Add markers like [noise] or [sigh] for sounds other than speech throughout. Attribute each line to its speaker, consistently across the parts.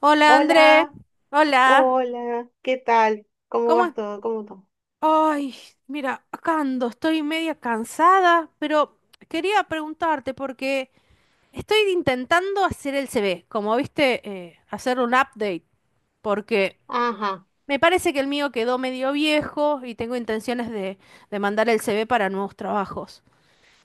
Speaker 1: Hola André,
Speaker 2: Hola,
Speaker 1: hola,
Speaker 2: hola, ¿qué tal? ¿Cómo
Speaker 1: ¿cómo es?
Speaker 2: vas todo? ¿Cómo todo?
Speaker 1: Ay, mira, acá ando, estoy media cansada, pero quería preguntarte porque estoy intentando hacer el CV, como viste, hacer un update, porque
Speaker 2: Ajá.
Speaker 1: me parece que el mío quedó medio viejo y tengo intenciones de mandar el CV para nuevos trabajos.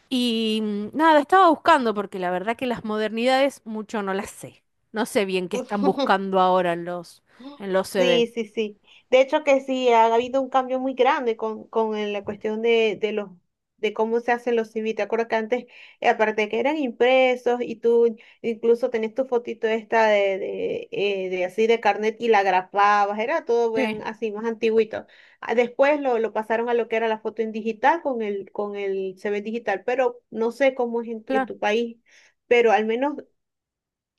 Speaker 1: Y Nada, estaba buscando porque la verdad que las modernidades mucho no las sé. No sé bien qué están
Speaker 2: [laughs]
Speaker 1: buscando ahora en en los
Speaker 2: Sí,
Speaker 1: CVs.
Speaker 2: sí, sí. De hecho que sí, ha habido un cambio muy grande con la cuestión de cómo se hacen los CV. Te acuerdas que antes, aparte de que eran impresos y tú incluso tenías tu fotito esta de así de carnet y la grapabas, era todo bien
Speaker 1: Sí,
Speaker 2: así, más antiguito. Ah, después lo pasaron a lo que era la foto en digital con el C V digital, pero no sé cómo es en
Speaker 1: claro.
Speaker 2: tu país, pero al menos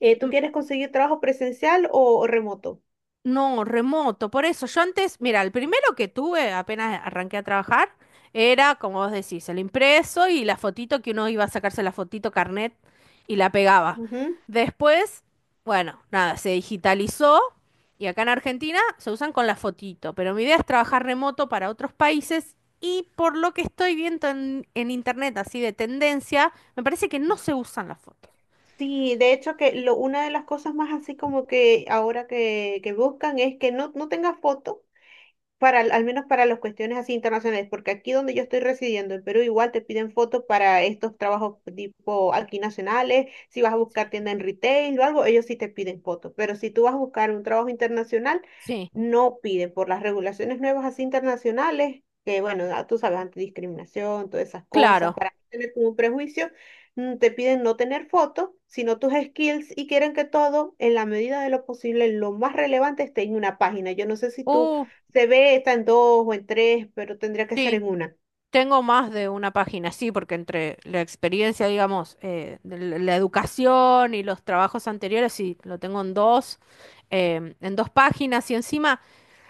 Speaker 2: tú quieres conseguir trabajo presencial o remoto.
Speaker 1: No, remoto. Por eso, yo antes, mira, el primero que tuve apenas arranqué a trabajar era, como vos decís, el impreso y la fotito que uno iba a sacarse la fotito carnet y la pegaba. Después, bueno, nada, se digitalizó y acá en Argentina se usan con la fotito. Pero mi idea es trabajar remoto para otros países y por lo que estoy viendo en internet, así de tendencia, me parece que no se usan las fotos.
Speaker 2: Sí, de hecho que una de las cosas más así como que ahora que buscan es que no tenga foto al menos para las cuestiones así internacionales, porque aquí donde yo estoy residiendo, en Perú, igual te piden fotos para estos trabajos tipo aquí nacionales, si vas a buscar tienda en retail o algo, ellos sí te piden fotos, pero si tú vas a buscar un trabajo internacional,
Speaker 1: Sí,
Speaker 2: no piden por las regulaciones nuevas así internacionales, que bueno, ah, tú sabes, antidiscriminación, todas esas cosas,
Speaker 1: claro.
Speaker 2: para no tener como un prejuicio, te piden no tener fotos, sino tus skills y quieren que todo, en la medida de lo posible, lo más relevante esté en una página. Yo no sé si tú
Speaker 1: Uh,
Speaker 2: se ve, está en dos o en tres, pero tendría que ser
Speaker 1: sí.
Speaker 2: en una.
Speaker 1: Tengo más de una página, sí, porque entre la experiencia, digamos, de la educación y los trabajos anteriores, sí, lo tengo en dos, en dos páginas y encima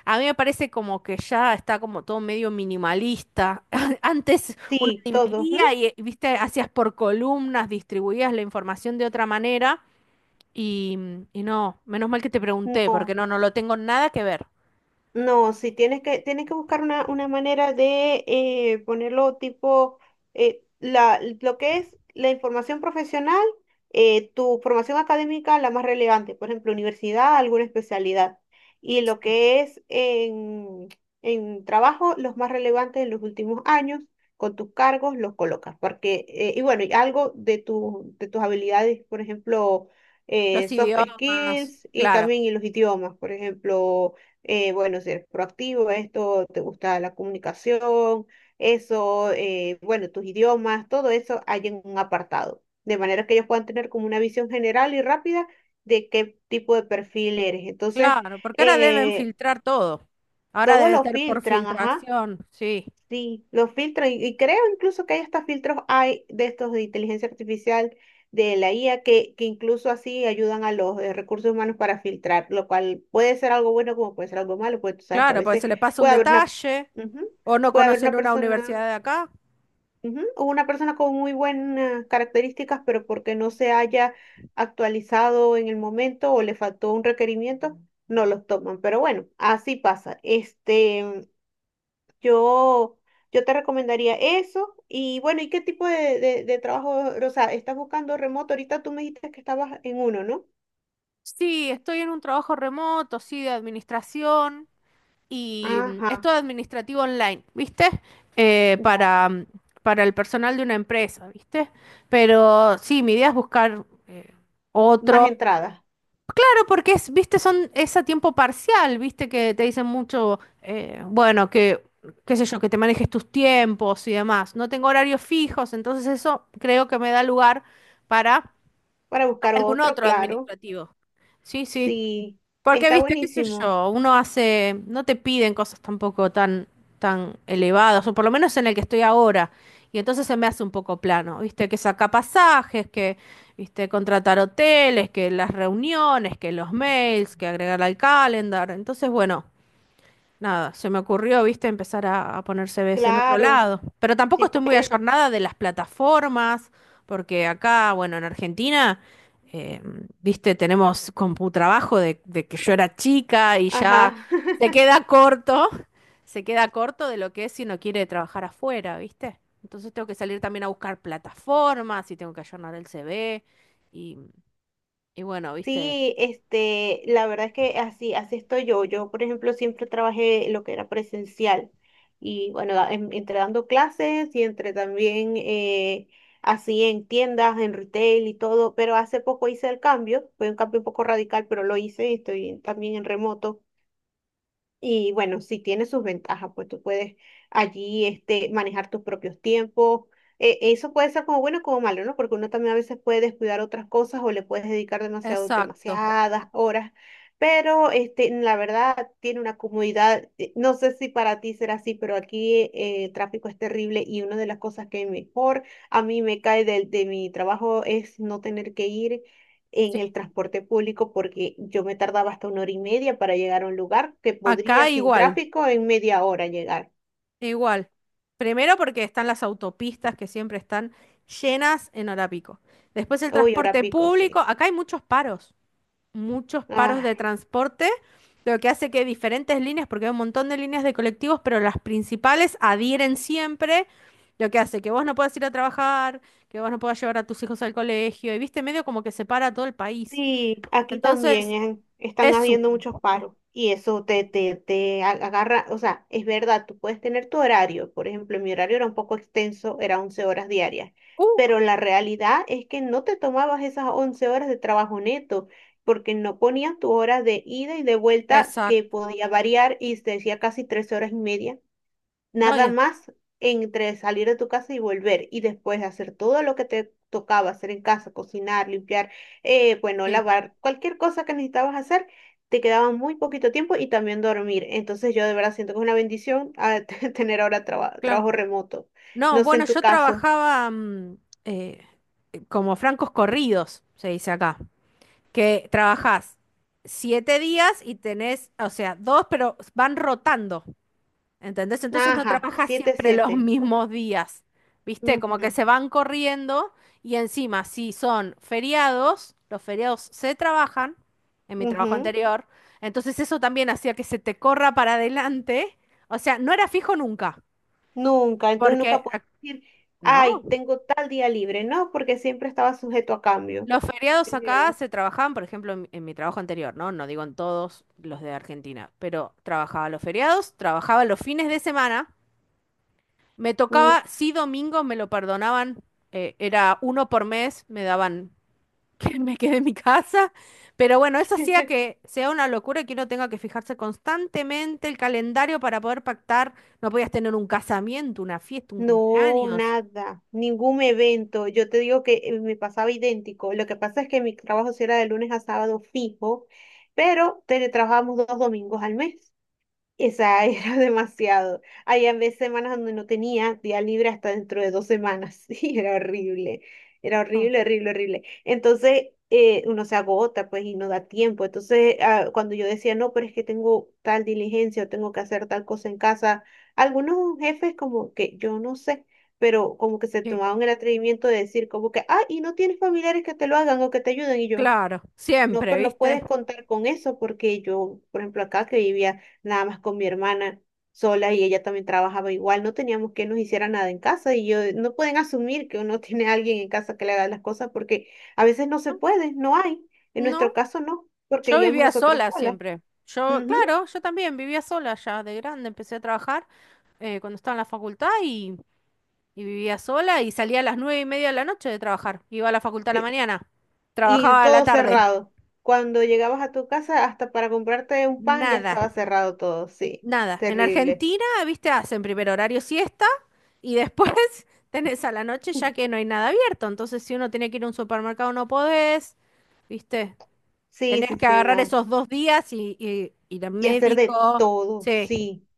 Speaker 1: a mí me parece como que ya está como todo medio minimalista. [laughs] Antes uno
Speaker 2: Sí, todos. ¿M?
Speaker 1: dividía y, viste, hacías por columnas, distribuías la información de otra manera y, y no, menos mal que te pregunté, porque
Speaker 2: No.
Speaker 1: no, no lo tengo nada que ver.
Speaker 2: No, sí, tienes que buscar una, manera de ponerlo tipo, lo que es la información profesional, tu formación académica, la más relevante, por ejemplo, universidad, alguna especialidad, y lo que es en trabajo, los más relevantes en los últimos años, con tus cargos los colocas, porque, y bueno, y algo de tus habilidades, por ejemplo,
Speaker 1: Los
Speaker 2: soft
Speaker 1: idiomas,
Speaker 2: skills y
Speaker 1: claro.
Speaker 2: también y los idiomas, por ejemplo bueno, ser proactivo, esto, te gusta la comunicación, eso, bueno, tus idiomas, todo eso hay en un apartado, de manera que ellos puedan tener como una visión general y rápida de qué tipo de perfil eres. Entonces,
Speaker 1: Claro, porque ahora deben
Speaker 2: eh,
Speaker 1: filtrar todo. Ahora
Speaker 2: todo
Speaker 1: deben
Speaker 2: lo
Speaker 1: ser por
Speaker 2: filtran, ajá.
Speaker 1: filtración, sí.
Speaker 2: Sí, los filtros, y creo incluso que hay hasta filtros hay de estos de inteligencia artificial de la IA que incluso así ayudan a los recursos humanos para filtrar, lo cual puede ser algo bueno como puede ser algo malo, pues tú sabes que a
Speaker 1: Claro, porque
Speaker 2: veces
Speaker 1: se le pasa un
Speaker 2: puede haber una,
Speaker 1: detalle
Speaker 2: ujú,
Speaker 1: o no
Speaker 2: puede haber
Speaker 1: conocen
Speaker 2: una
Speaker 1: una
Speaker 2: persona,
Speaker 1: universidad de acá.
Speaker 2: ujú, o una persona con muy buenas características, pero porque no se haya actualizado en el momento o le faltó un requerimiento, no los toman. Pero bueno, así pasa. Este, yo, yo te recomendaría eso. Y bueno, ¿y qué tipo de trabajo, o sea, estás buscando remoto? Ahorita tú me dijiste que estabas en uno, ¿no?
Speaker 1: Sí, estoy en un trabajo remoto, sí, de administración y es
Speaker 2: Ajá,
Speaker 1: todo administrativo online, ¿viste? Eh,
Speaker 2: ya.
Speaker 1: para, mm, para el personal de una empresa, ¿viste? Pero sí, mi idea es buscar
Speaker 2: Más
Speaker 1: otro,
Speaker 2: entradas
Speaker 1: porque es, viste, son, es a tiempo parcial, viste, que te dicen mucho, bueno, que, qué sé yo, que te manejes tus tiempos y demás. No tengo horarios fijos, entonces eso creo que me da lugar para
Speaker 2: para buscar
Speaker 1: algún
Speaker 2: otro,
Speaker 1: otro
Speaker 2: claro.
Speaker 1: administrativo. Sí, sí.
Speaker 2: Sí,
Speaker 1: Porque,
Speaker 2: está
Speaker 1: viste, qué sé
Speaker 2: buenísimo.
Speaker 1: yo, uno hace, no te piden cosas tampoco tan, tan elevadas, o por lo menos en el que estoy ahora. Y entonces se me hace un poco plano, viste, que saca pasajes, que, viste, contratar hoteles, que las reuniones, que los mails, que agregar al calendar. Entonces, bueno. Nada, se me ocurrió, viste, empezar a poner CVs en otro
Speaker 2: Claro,
Speaker 1: lado. Pero tampoco
Speaker 2: sí
Speaker 1: estoy muy
Speaker 2: puedes.
Speaker 1: ayornada de las plataformas, porque acá, bueno, en Argentina, eh, viste, tenemos CompuTrabajo de que yo era chica y ya
Speaker 2: Ajá.
Speaker 1: se
Speaker 2: [laughs]
Speaker 1: queda corto, se queda corto de lo que es si uno quiere trabajar afuera, viste. Entonces tengo que salir también a buscar plataformas y tengo que ayornar el CV y, y bueno, viste.
Speaker 2: Sí, este, la verdad es que así, así estoy yo. Yo, por ejemplo, siempre trabajé lo que era presencial. Y bueno, entre dando clases y entre también así en tiendas, en retail y todo. Pero hace poco hice el cambio, fue un cambio un poco radical, pero lo hice y estoy también en remoto. Y bueno, sí tiene sus ventajas, pues tú puedes allí este, manejar tus propios tiempos. Eso puede ser como bueno o como malo, ¿no? Porque uno también a veces puede descuidar otras cosas o le puedes dedicar demasiado,
Speaker 1: Exacto.
Speaker 2: demasiadas horas. Pero este, la verdad tiene una comodidad. No sé si para ti será así, pero aquí el tráfico es terrible y una de las cosas que mejor a mí me cae del de mi trabajo es no tener que ir en
Speaker 1: Sí.
Speaker 2: el transporte público porque yo me tardaba hasta una hora y media para llegar a un lugar que podría
Speaker 1: Acá
Speaker 2: sin
Speaker 1: igual.
Speaker 2: tráfico en media hora llegar.
Speaker 1: Igual. Primero porque están las autopistas que siempre están llenas en hora pico. Después el
Speaker 2: Uy, hora
Speaker 1: transporte
Speaker 2: pico,
Speaker 1: público.
Speaker 2: sí.
Speaker 1: Acá hay muchos paros
Speaker 2: Ah.
Speaker 1: de transporte, lo que hace que diferentes líneas, porque hay un montón de líneas de colectivos, pero las principales adhieren siempre, lo que hace que vos no puedas ir a trabajar, que vos no puedas llevar a tus hijos al colegio, y viste, medio como que separa todo el país.
Speaker 2: Sí, aquí también
Speaker 1: Entonces,
Speaker 2: están
Speaker 1: es un...
Speaker 2: habiendo muchos paros y eso te agarra, o sea, es verdad, tú puedes tener tu horario, por ejemplo, mi horario era un poco extenso, era 11 horas diarias,
Speaker 1: cuco.
Speaker 2: pero la realidad es que no te tomabas esas 11 horas de trabajo neto, porque no ponías tu hora de ida y de vuelta que
Speaker 1: Exacto.
Speaker 2: podía variar y se decía casi 3 horas y media.
Speaker 1: No, y
Speaker 2: Nada
Speaker 1: es-
Speaker 2: más entre salir de tu casa y volver y después hacer todo lo que te tocaba hacer en casa, cocinar, limpiar, bueno,
Speaker 1: sí,
Speaker 2: lavar, cualquier cosa que necesitabas hacer, te quedaba muy poquito tiempo y también dormir. Entonces yo de verdad siento que es una bendición [laughs] tener ahora
Speaker 1: claro.
Speaker 2: trabajo remoto.
Speaker 1: No,
Speaker 2: No sé
Speaker 1: bueno,
Speaker 2: en tu
Speaker 1: yo
Speaker 2: caso.
Speaker 1: trabajaba eh, como francos corridos, se dice acá, que trabajás siete días y tenés, o sea, dos, pero van rotando, ¿entendés? Entonces no
Speaker 2: Ajá,
Speaker 1: trabajas
Speaker 2: siete,
Speaker 1: siempre [laughs] los
Speaker 2: siete.
Speaker 1: mismos días, ¿viste?
Speaker 2: Ujú,
Speaker 1: Como que se van corriendo y encima, si son feriados, los feriados se trabajan, en mi trabajo
Speaker 2: ujú.
Speaker 1: anterior, entonces eso también hacía que se te corra para adelante, o sea, no era fijo nunca,
Speaker 2: Nunca, entonces
Speaker 1: porque...
Speaker 2: nunca puedes decir,
Speaker 1: ¿No?
Speaker 2: ay, tengo tal día libre, no, porque siempre estaba sujeto a cambio.
Speaker 1: Los feriados
Speaker 2: Es
Speaker 1: acá
Speaker 2: verdad.
Speaker 1: se trabajaban, por ejemplo, en mi trabajo anterior, ¿no? No digo en todos los de Argentina, pero trabajaba los feriados, trabajaba los fines de semana, me
Speaker 2: Mm.
Speaker 1: tocaba, sí, domingo me lo perdonaban, era uno por mes, me daban [laughs] que me quede en mi casa, pero bueno, eso hacía
Speaker 2: [laughs]
Speaker 1: que sea una locura y que uno tenga que fijarse constantemente el calendario para poder pactar, no podías tener un casamiento, una fiesta, un
Speaker 2: No,
Speaker 1: cumpleaños.
Speaker 2: nada, ningún evento. Yo te digo que me pasaba idéntico. Lo que pasa es que mi trabajo sí era de lunes a sábado fijo, pero teletrabajábamos 2 domingos al mes. Esa [laughs] era demasiado. Había veces semanas donde no tenía día libre hasta dentro de 2 semanas. [laughs] Y era horrible. Era
Speaker 1: No,
Speaker 2: horrible, horrible, horrible. Entonces, uno se agota, pues, y no da tiempo. Entonces, ah, cuando yo decía, no, pero es que tengo tal diligencia o tengo que hacer tal cosa en casa, algunos jefes como que, yo no sé, pero como que se
Speaker 1: sí,
Speaker 2: tomaban el atrevimiento de decir como que, ah, y no tienes familiares que te lo hagan o que te ayuden. Y yo,
Speaker 1: claro,
Speaker 2: no,
Speaker 1: siempre,
Speaker 2: pero no
Speaker 1: ¿viste?
Speaker 2: puedes contar con eso porque yo, por ejemplo, acá que vivía nada más con mi hermana sola y ella también trabajaba igual, no teníamos que nos hiciera nada en casa y yo no pueden asumir que uno [laughs] tiene a alguien en casa que le haga las cosas porque a veces no se
Speaker 1: No,
Speaker 2: puede, no hay. En nuestro
Speaker 1: no,
Speaker 2: caso no, porque
Speaker 1: yo
Speaker 2: vivíamos
Speaker 1: vivía
Speaker 2: nosotras
Speaker 1: sola
Speaker 2: solas.
Speaker 1: siempre. Yo,
Speaker 2: Ujú.
Speaker 1: claro, yo también vivía sola ya de grande. Empecé a trabajar cuando estaba en la facultad y vivía sola y salía a las nueve y media de la noche de trabajar. Iba a la facultad a la
Speaker 2: De-
Speaker 1: mañana.
Speaker 2: Y
Speaker 1: Trabajaba a la
Speaker 2: todo
Speaker 1: tarde.
Speaker 2: cerrado. Cuando llegabas a tu casa, hasta para comprarte un pan ya
Speaker 1: Nada,
Speaker 2: estaba cerrado todo, sí,
Speaker 1: nada. En
Speaker 2: terrible.
Speaker 1: Argentina, viste, hacen primer horario siesta y después [laughs] tenés a la noche ya que no hay nada abierto. Entonces, si uno tiene que ir a un supermercado, no podés, viste.
Speaker 2: Sí,
Speaker 1: Tenés
Speaker 2: sí,
Speaker 1: que
Speaker 2: sí,
Speaker 1: agarrar
Speaker 2: nada.
Speaker 1: esos dos días y ir al
Speaker 2: Y hacer de
Speaker 1: médico.
Speaker 2: todo,
Speaker 1: Sí,
Speaker 2: sí.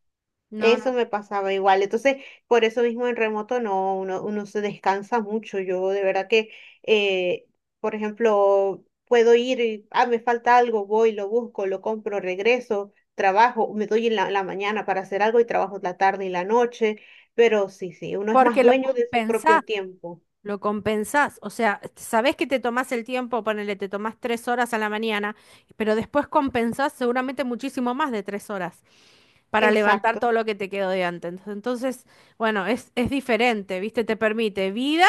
Speaker 1: no,
Speaker 2: Eso
Speaker 1: no.
Speaker 2: me pasaba igual. Entonces, por eso mismo en remoto no, uno se descansa mucho. Yo de verdad que, eh, por ejemplo, puedo ir y, ah, me falta algo, voy, lo busco, lo compro, regreso, trabajo, me doy en la mañana para hacer algo y trabajo la tarde y la noche. Pero sí, sí, uno es más
Speaker 1: Porque lo
Speaker 2: dueño de su
Speaker 1: compensás,
Speaker 2: propio tiempo.
Speaker 1: lo compensás. O sea, sabés que te tomás el tiempo, ponele, te tomás tres horas a la mañana, pero después compensás seguramente muchísimo más de tres horas para levantar
Speaker 2: Exacto.
Speaker 1: todo lo que te quedó de antes. Entonces, bueno, es diferente, ¿viste? Te permite vida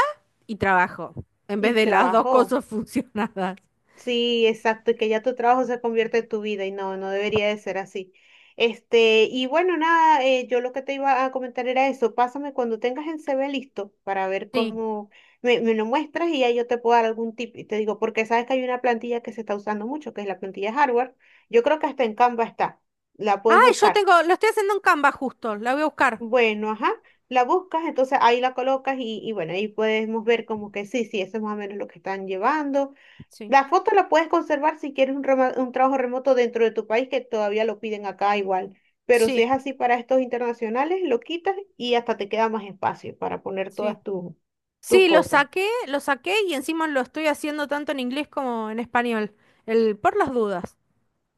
Speaker 1: y trabajo, en
Speaker 2: Y
Speaker 1: vez de las dos
Speaker 2: trabajo.
Speaker 1: cosas [laughs] funcionadas.
Speaker 2: Sí, exacto, y que ya tu trabajo se convierte en tu vida y no debería de ser así. Este, y bueno, nada, yo lo que te iba a comentar era eso, pásame cuando tengas el CV listo para ver
Speaker 1: Sí.
Speaker 2: cómo me lo muestras y ya yo te puedo dar algún tip y te digo, porque sabes que hay una plantilla que se está usando mucho, que es la plantilla hardware, yo creo que hasta en Canva está, la
Speaker 1: Ah,
Speaker 2: puedes
Speaker 1: yo
Speaker 2: buscar.
Speaker 1: tengo, lo estoy haciendo en Canva justo, la voy a buscar.
Speaker 2: Bueno, ajá, la buscas, entonces ahí la colocas y, bueno, ahí podemos ver como que sí, sí, eso es más o menos lo que están llevando.
Speaker 1: Sí.
Speaker 2: La foto la puedes conservar si quieres un trabajo remoto dentro de tu país, que todavía lo piden acá igual. Pero si
Speaker 1: Sí,
Speaker 2: es así para estos internacionales, lo quitas y hasta te queda más espacio para poner
Speaker 1: sí.
Speaker 2: todas tus
Speaker 1: Sí,
Speaker 2: cosas.
Speaker 1: lo saqué y encima lo estoy haciendo tanto en inglés como en español. El por las dudas.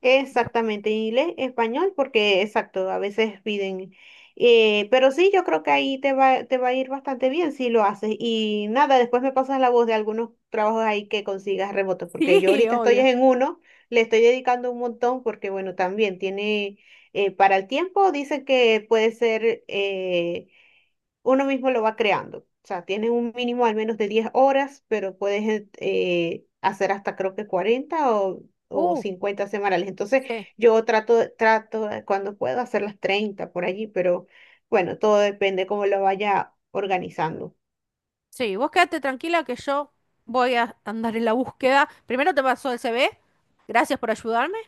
Speaker 2: Exactamente, inglés, español, porque exacto, a veces piden. Pero sí, yo creo que ahí te va a ir bastante bien si lo haces. Y nada, después me pasas la voz de algunos trabajos ahí que consigas remotos, porque
Speaker 1: Sí,
Speaker 2: yo ahorita
Speaker 1: [laughs]
Speaker 2: estoy
Speaker 1: obvio.
Speaker 2: en uno, le estoy dedicando un montón, porque bueno, también tiene, para el tiempo, dice que puede ser uno mismo lo va creando. O sea, tienes un mínimo al menos de 10 horas, pero puedes hacer hasta creo que 40 o
Speaker 1: Uh,
Speaker 2: 50 semanales. Entonces,
Speaker 1: sí.
Speaker 2: yo trato cuando puedo hacer las 30 por allí, pero bueno, todo depende cómo lo vaya organizando.
Speaker 1: Sí, vos quédate tranquila que yo voy a andar en la búsqueda. Primero te paso el CV, gracias por ayudarme.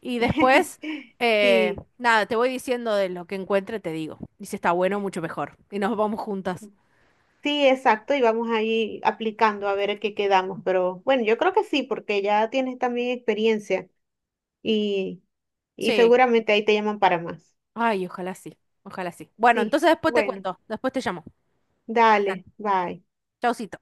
Speaker 1: Y después,
Speaker 2: [laughs] Sí,
Speaker 1: nada, te voy diciendo de lo que encuentre, te digo. Y si está bueno, mucho mejor. Y nos vamos juntas.
Speaker 2: sí, exacto, y vamos ahí aplicando a ver a qué quedamos, pero bueno, yo creo que sí, porque ya tienes también experiencia y, y
Speaker 1: Sí.
Speaker 2: seguramente ahí te llaman para más.
Speaker 1: Ay, ojalá sí. Ojalá sí. Bueno,
Speaker 2: Sí,
Speaker 1: entonces después te
Speaker 2: bueno.
Speaker 1: cuento. Después te llamo. Dale,
Speaker 2: Dale, bye.
Speaker 1: chaucito.